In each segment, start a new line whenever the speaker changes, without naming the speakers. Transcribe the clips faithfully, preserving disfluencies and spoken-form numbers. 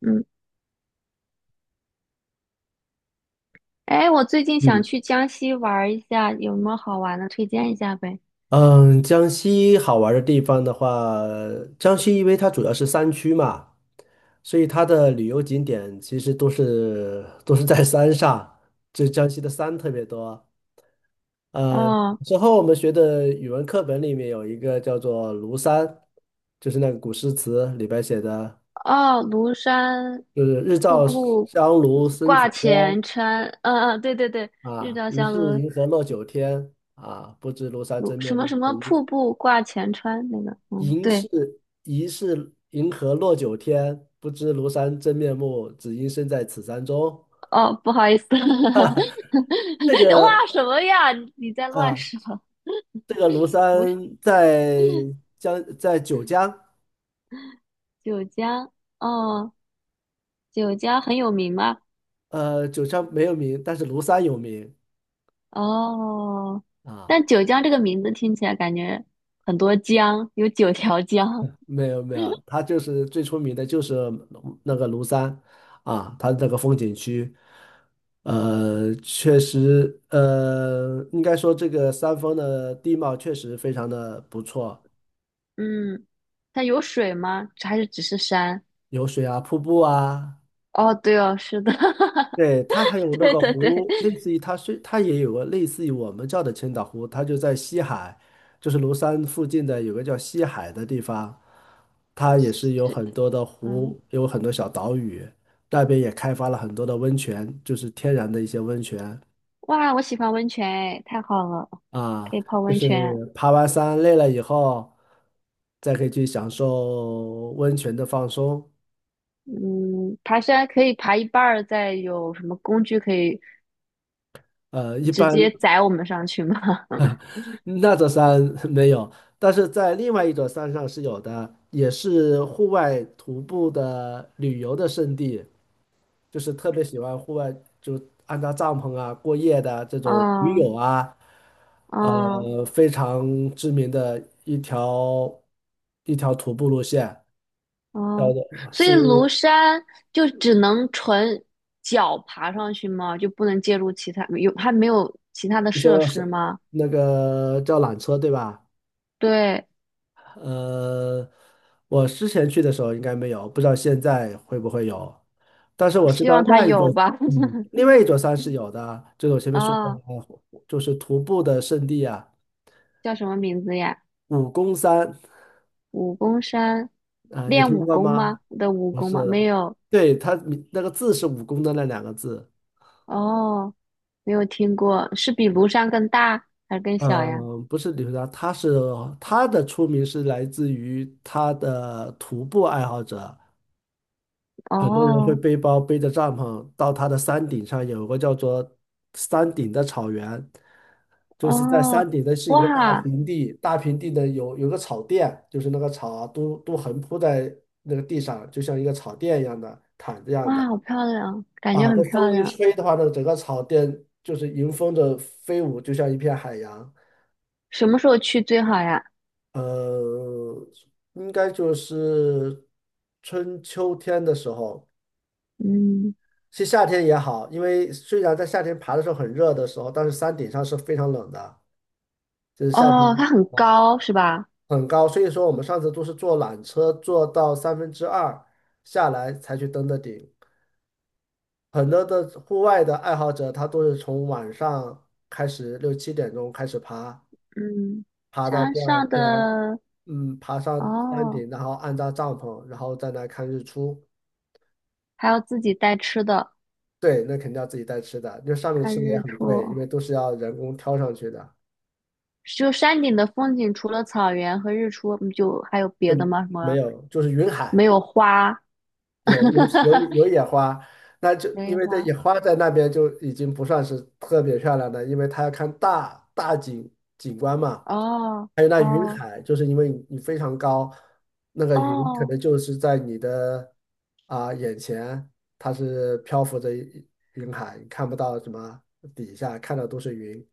嗯，哎，我最近想
嗯。
去江西玩儿一下，有什么好玩的推荐一下呗？
嗯，江西好玩儿的地方的话，江西因为它主要是山区嘛，所以它的旅游景点其实都是都是在山上，就江西的山特别多。嗯，
哦
之后我们学的语文课本里面有一个叫做《庐山》，就是那个古诗词里边写的，
哦，庐山
就是"日
瀑
照
布
香炉生紫
挂
烟，
前川，嗯嗯，对对对，日
啊，
照
疑
香
是
炉
银河落九天，啊，不知庐山
庐
真
什
面
么
目，
什么瀑布挂前川那个，嗯
疑
对。
是疑是银河落九天，不知庐山真面目，只因身在此山中。
哦，不好意思。
这个
哇，什么呀？你你在乱
啊，
说？
这个庐
不是
山在江在九江，
九江。哦，九江很有名吗？
呃，九江没有名，但是庐山有名
哦，
啊。
但九江这个名字听起来感觉很多江，有九条江。
没有没有，它就是最出名的就是那个庐山啊，它这个风景区，呃，确实，呃，应该说这个山峰的地貌确实非常的不错。
嗯，它有水吗？还是只是山？
有水啊，瀑布啊，
哦，对哦，是的。
对，它还有那
对
个
对对，
湖，类似于它虽它也有个类似于我们叫的千岛湖，它就在西海，就是庐山附近的有个叫西海的地方，它也是有
是，
很多的
嗯。
湖，有很多小岛屿，那边也开发了很多的温泉，就是天然的一些温泉
哇，我喜欢温泉，哎，太好了，可
啊，
以泡
就
温泉。
是爬完山累了以后，再可以去享受温泉的放松。
嗯，爬山可以爬一半儿，再有什么工具可以
呃，一
直
般
接载我们上去吗？
那座山 没有，但是在另外一座山上是有的，也是户外徒步的旅游的胜地，就是特别喜欢户外，就安扎帐篷啊、过夜的这 种驴
哦
友啊，
哦，
呃，非常知名的一条一条徒步路线，叫
哦，
做
所以庐
是
山就只能纯脚爬上去吗？就不能借助其他，有，还没有其他的
你
设
说
施
是
吗？
那个叫缆车对吧？
对，
呃，我之前去的时候应该没有，不知道现在会不会有。但是我知
希
道
望它
那一座，
有吧。
嗯，另外一座 山是有的，就是我前面说过
啊、
的，就是徒步的圣地啊，
叫什么名字呀？
武功山
武功山，
啊，有
练
听
武
过
功
吗？
吗？的武
不
功
是
吗？没
的，
有。
对，它名那个字是武功的那两个字，
哦，没有听过，是比庐山更大还是更小呀？
嗯，不是旅游的，他是他的出名是来自于他的徒步爱好者。很多人会
哦，
背包背着帐篷到它的山顶上，有个叫做山顶的草原，就是在
哦，
山顶的是一块大
哇
平地，大平地的有有个草垫，就是那个草啊都都横铺在那个地上，就像一个草垫一样的毯子一样的
哇，好漂亮，感觉
啊。
很
这风
漂
一
亮。
吹的话呢，整个草垫就是迎风的飞舞，就像一片海洋。
什么时候去最好呀？
呃，应该就是春秋天的时候。
嗯。
其实夏天也好，因为虽然在夏天爬的时候很热的时候，但是山顶上是非常冷的，就是夏天
哦，它很高是吧？
很高，所以说我们上次都是坐缆车坐到三分之二下来才去登的顶。很多的户外的爱好者，他都是从晚上开始六七点钟开始爬，
嗯，
爬到
山
第二
上
天，
的。
嗯，爬上山
哦，
顶，然后安扎帐篷，然后再来看日出。
还要自己带吃的，
对，那肯定要自己带吃的，因为上面
看
吃的也
日
很贵，因
出。
为都是要人工挑上去的。
就山顶的风景，除了草原和日出，嗯，就还有
就
别的吗？什
没
么？
有，就是云海
没有花。
有有有 有野花，那就
没
因
有
为这野
花。
花在那边就已经不算是特别漂亮的，因为它要看大大景景观嘛。
哦
还有那云
哦
海，就是因为你非常高，那个云可
哦，
能就是在你的啊、眼前，它是漂浮着一云海，你看不到什么底下，看到都是云。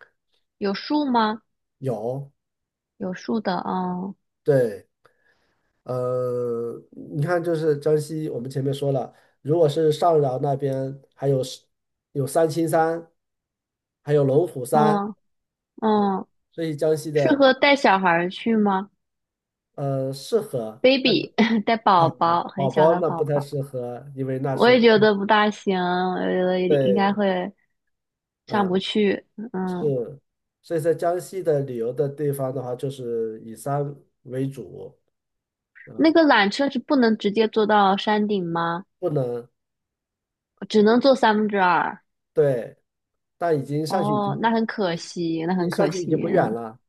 有树吗？
有，
有树的，嗯
对，呃，你看，就是江西，我们前面说了，如果是上饶那边，还有是有三清山，还有龙虎山
嗯
啊，
嗯，
所以江西
适
的
合带小孩儿去吗
呃适合，
？baby 带
啊，
宝宝，很
宝
小
宝
的
那不
宝
太
宝。
适合，因为那
我
是
也觉得不大行，我觉得应该
对，
会上不
嗯，
去。嗯，
是，所以在江西的旅游的地方的话，就是以山为主，
那
啊，
个缆车是不能直接坐到山顶吗？
不能
只能坐三分之二。
对，但已经上去已经
哦，
不，
那很可
你
惜，那
你
很
上
可
去已
惜。
经不远
嗯，
了，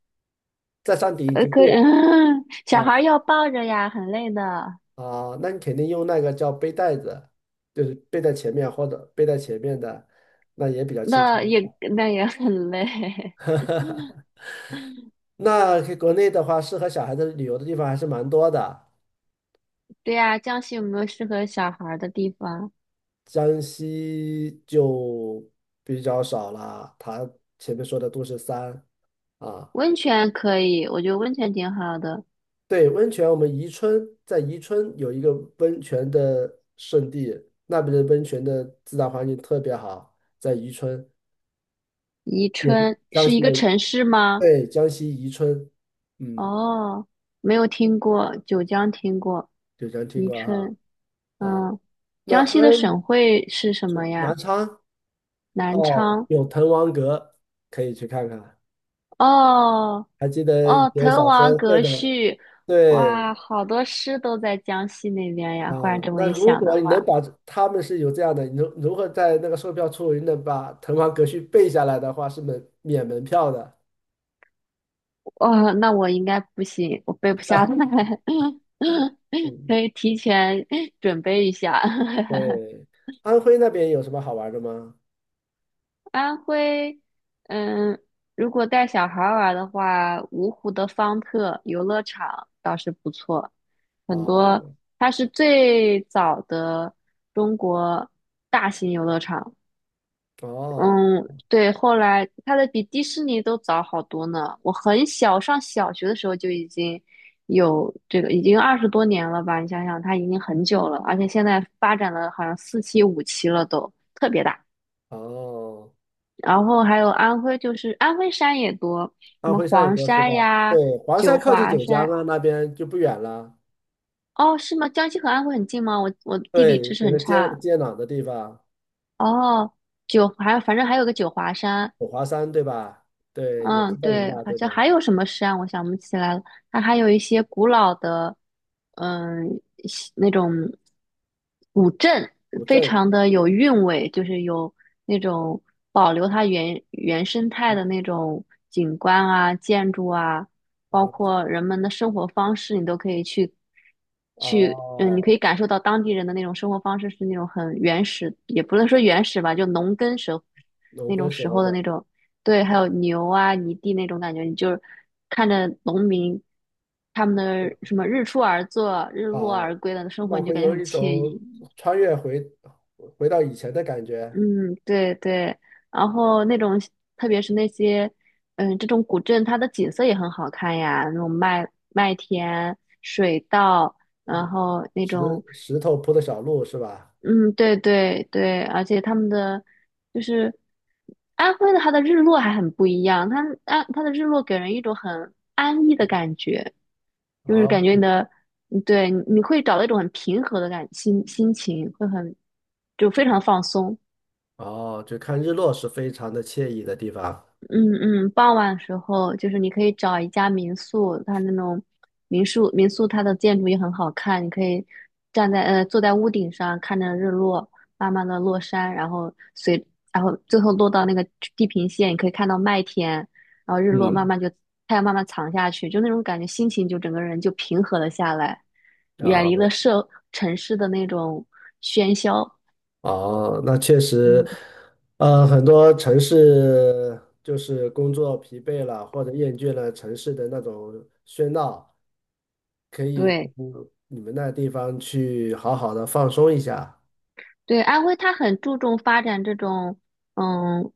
在山顶已
呃，
经
可
不远。
小孩
嗯
儿要抱着呀，很累的。
啊，那你肯定用那个叫背带子，就是背在前面或者背在前面的，那也比较轻松
那
的。
也那也很累。
那国内的话，适合小孩子旅游的地方还是蛮多的，
对呀，江西有没有适合小孩儿的地方？
江西就比较少了。它前面说的都是山啊，
温泉可以，我觉得温泉挺好的。
对，温泉，我们宜春在宜春有一个温泉的圣地，那边的温泉的自然环境特别好，在宜春
宜
也是
春
江
是一
西的。
个城市吗？
对，江西宜春，嗯，
哦，没有听过，九江听过，
九江听
宜
过哈
春。
啊。
嗯，
那
江西的省
安
会是什么
是南
呀？
昌
南
哦，
昌。
有滕王阁可以去看看。
哦
还记得以
哦，
前
滕
小时
王
候会
阁
的，
序。
对
哇，好多诗都在江西那边呀。
啊。
忽然这么
那
一
如
想的
果你能
话，
把这他们是有这样的，你如如何在那个售票处你能把滕王阁序背下来的话，是门免门票的。
哦，那我应该不行，我背不下来。
嗯，
可以提前准备一下。
对。安徽那边有什么好玩的吗？
安徽，嗯，如果带小孩儿玩的话，芜湖的方特游乐场倒是不错，很多，
哦
它是最早的中国大型游乐场。
哦
嗯，对，后来它的比迪士尼都早好多呢。我很小，上小学的时候就已经有这个，已经二十多年了吧？你想想，它已经很久了，而且现在发展了好像四期、五期了都，特别大。
哦。
然后还有安徽，就是安徽山也多，什
安
么
徽山也
黄
多是
山
吧？
呀、
对，黄山
九
靠近
华
九江
山。
啊，那边就不远了。
哦，是吗？江西和安徽很近吗？我我地理
对，
知识
给
很
它接
差。
接壤的地方，
哦，九还有反正还有个九华山。
五华山对吧？对，也
嗯，
是在云
对，
南
好
对
像
吧？
还有什么山，我想不起来了。它还有一些古老的，嗯，西那种古镇，
古
非
镇
常的有韵味，就是有那种保留它原原生态的那种景观啊、建筑啊，包
啊，
括人们的生活方式，你都可以去去，嗯，你可
哦，
以感受到当地人的那种生活方式是那种很原始，也不能说原始吧，就农耕时候
龙
那
耕
种
时
时
候
候的
的
那种。对，还有牛啊、泥地那种感觉，你就是看着农民他们的什么日出而作、日
啊，
落而归的生活，
那
你就
会
感觉
有
很
一
惬
种
意。
穿越回回到以前的感觉，
嗯，对对。然后那种，特别是那些，嗯，这种古镇，它的景色也很好看呀，那种麦麦田、水稻，然后那
石
种
石头铺的小路是吧？
嗯，对对对，而且他们的就是安徽的，它的日落还很不一样。它安它的日落给人一种很安逸的感觉，就是
哦
感觉你的，嗯，对，你会找到一种很平和的感心心情，会很就非常放松。
哦，就看日落是非常的惬意的地方。
嗯嗯，傍晚时候就是你可以找一家民宿，它那种民宿民宿它的建筑也很好看，你可以站在呃坐在屋顶上看着日落，慢慢的落山，然后随然后最后落到那个地平线，你可以看到麦田，然后日落慢
嗯，
慢就太阳慢慢藏下去，就那种感觉，心情就整个人就平和了下来，远离了
啊。
社城市的那种喧嚣。
哦，那确实，
嗯，
呃，很多城市就是工作疲惫了或者厌倦了城市的那种喧闹，可以
对
嗯你们那地方去好好的放松一下。
对，安徽它很注重发展这种。嗯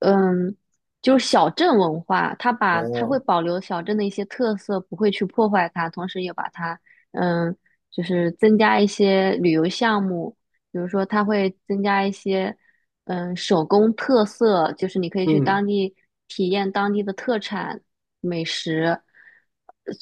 嗯，就是小镇文化，它把它会
哦，
保留小镇的一些特色，不会去破坏它，同时也把它，嗯，就是增加一些旅游项目，比如说它会增加一些，嗯，手工特色，就是你可以去当
嗯，
地体验当地的特产美食，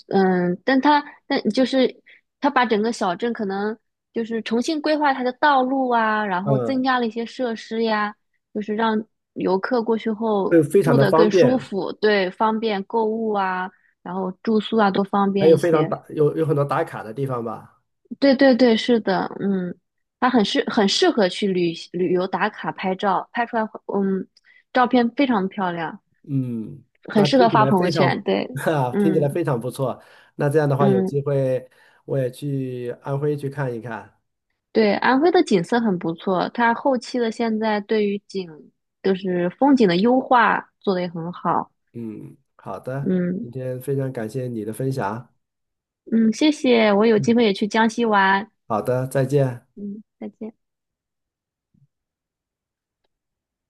嗯，但它但就是它把整个小镇可能就是重新规划它的道路啊，然后增
嗯，
加了一些设施呀。就是让游客过去后
会非常
住
的
得
方
更舒
便，
服，对，方便购物啊，然后住宿啊都方
还
便
有
一
非常
些。
打，有有很多打卡的地方吧。
对对对，是的，嗯，它很适很适合去旅旅游打卡拍照，拍出来会嗯照片非常漂亮，
嗯，
很
那
适
听
合
起
发
来
朋友
非
圈。
常，
对，
哈，听起来
嗯
非常不错。那这样的话，有
嗯，
机会我也去安徽去看一看。
对，安徽的景色很不错，它后期的现在对于景就是风景的优化做得也很好。
嗯，好的，
嗯
今天非常感谢你的分享。
嗯，谢谢，我有机
嗯，
会也去江西玩。
好的，再见。
嗯，再见。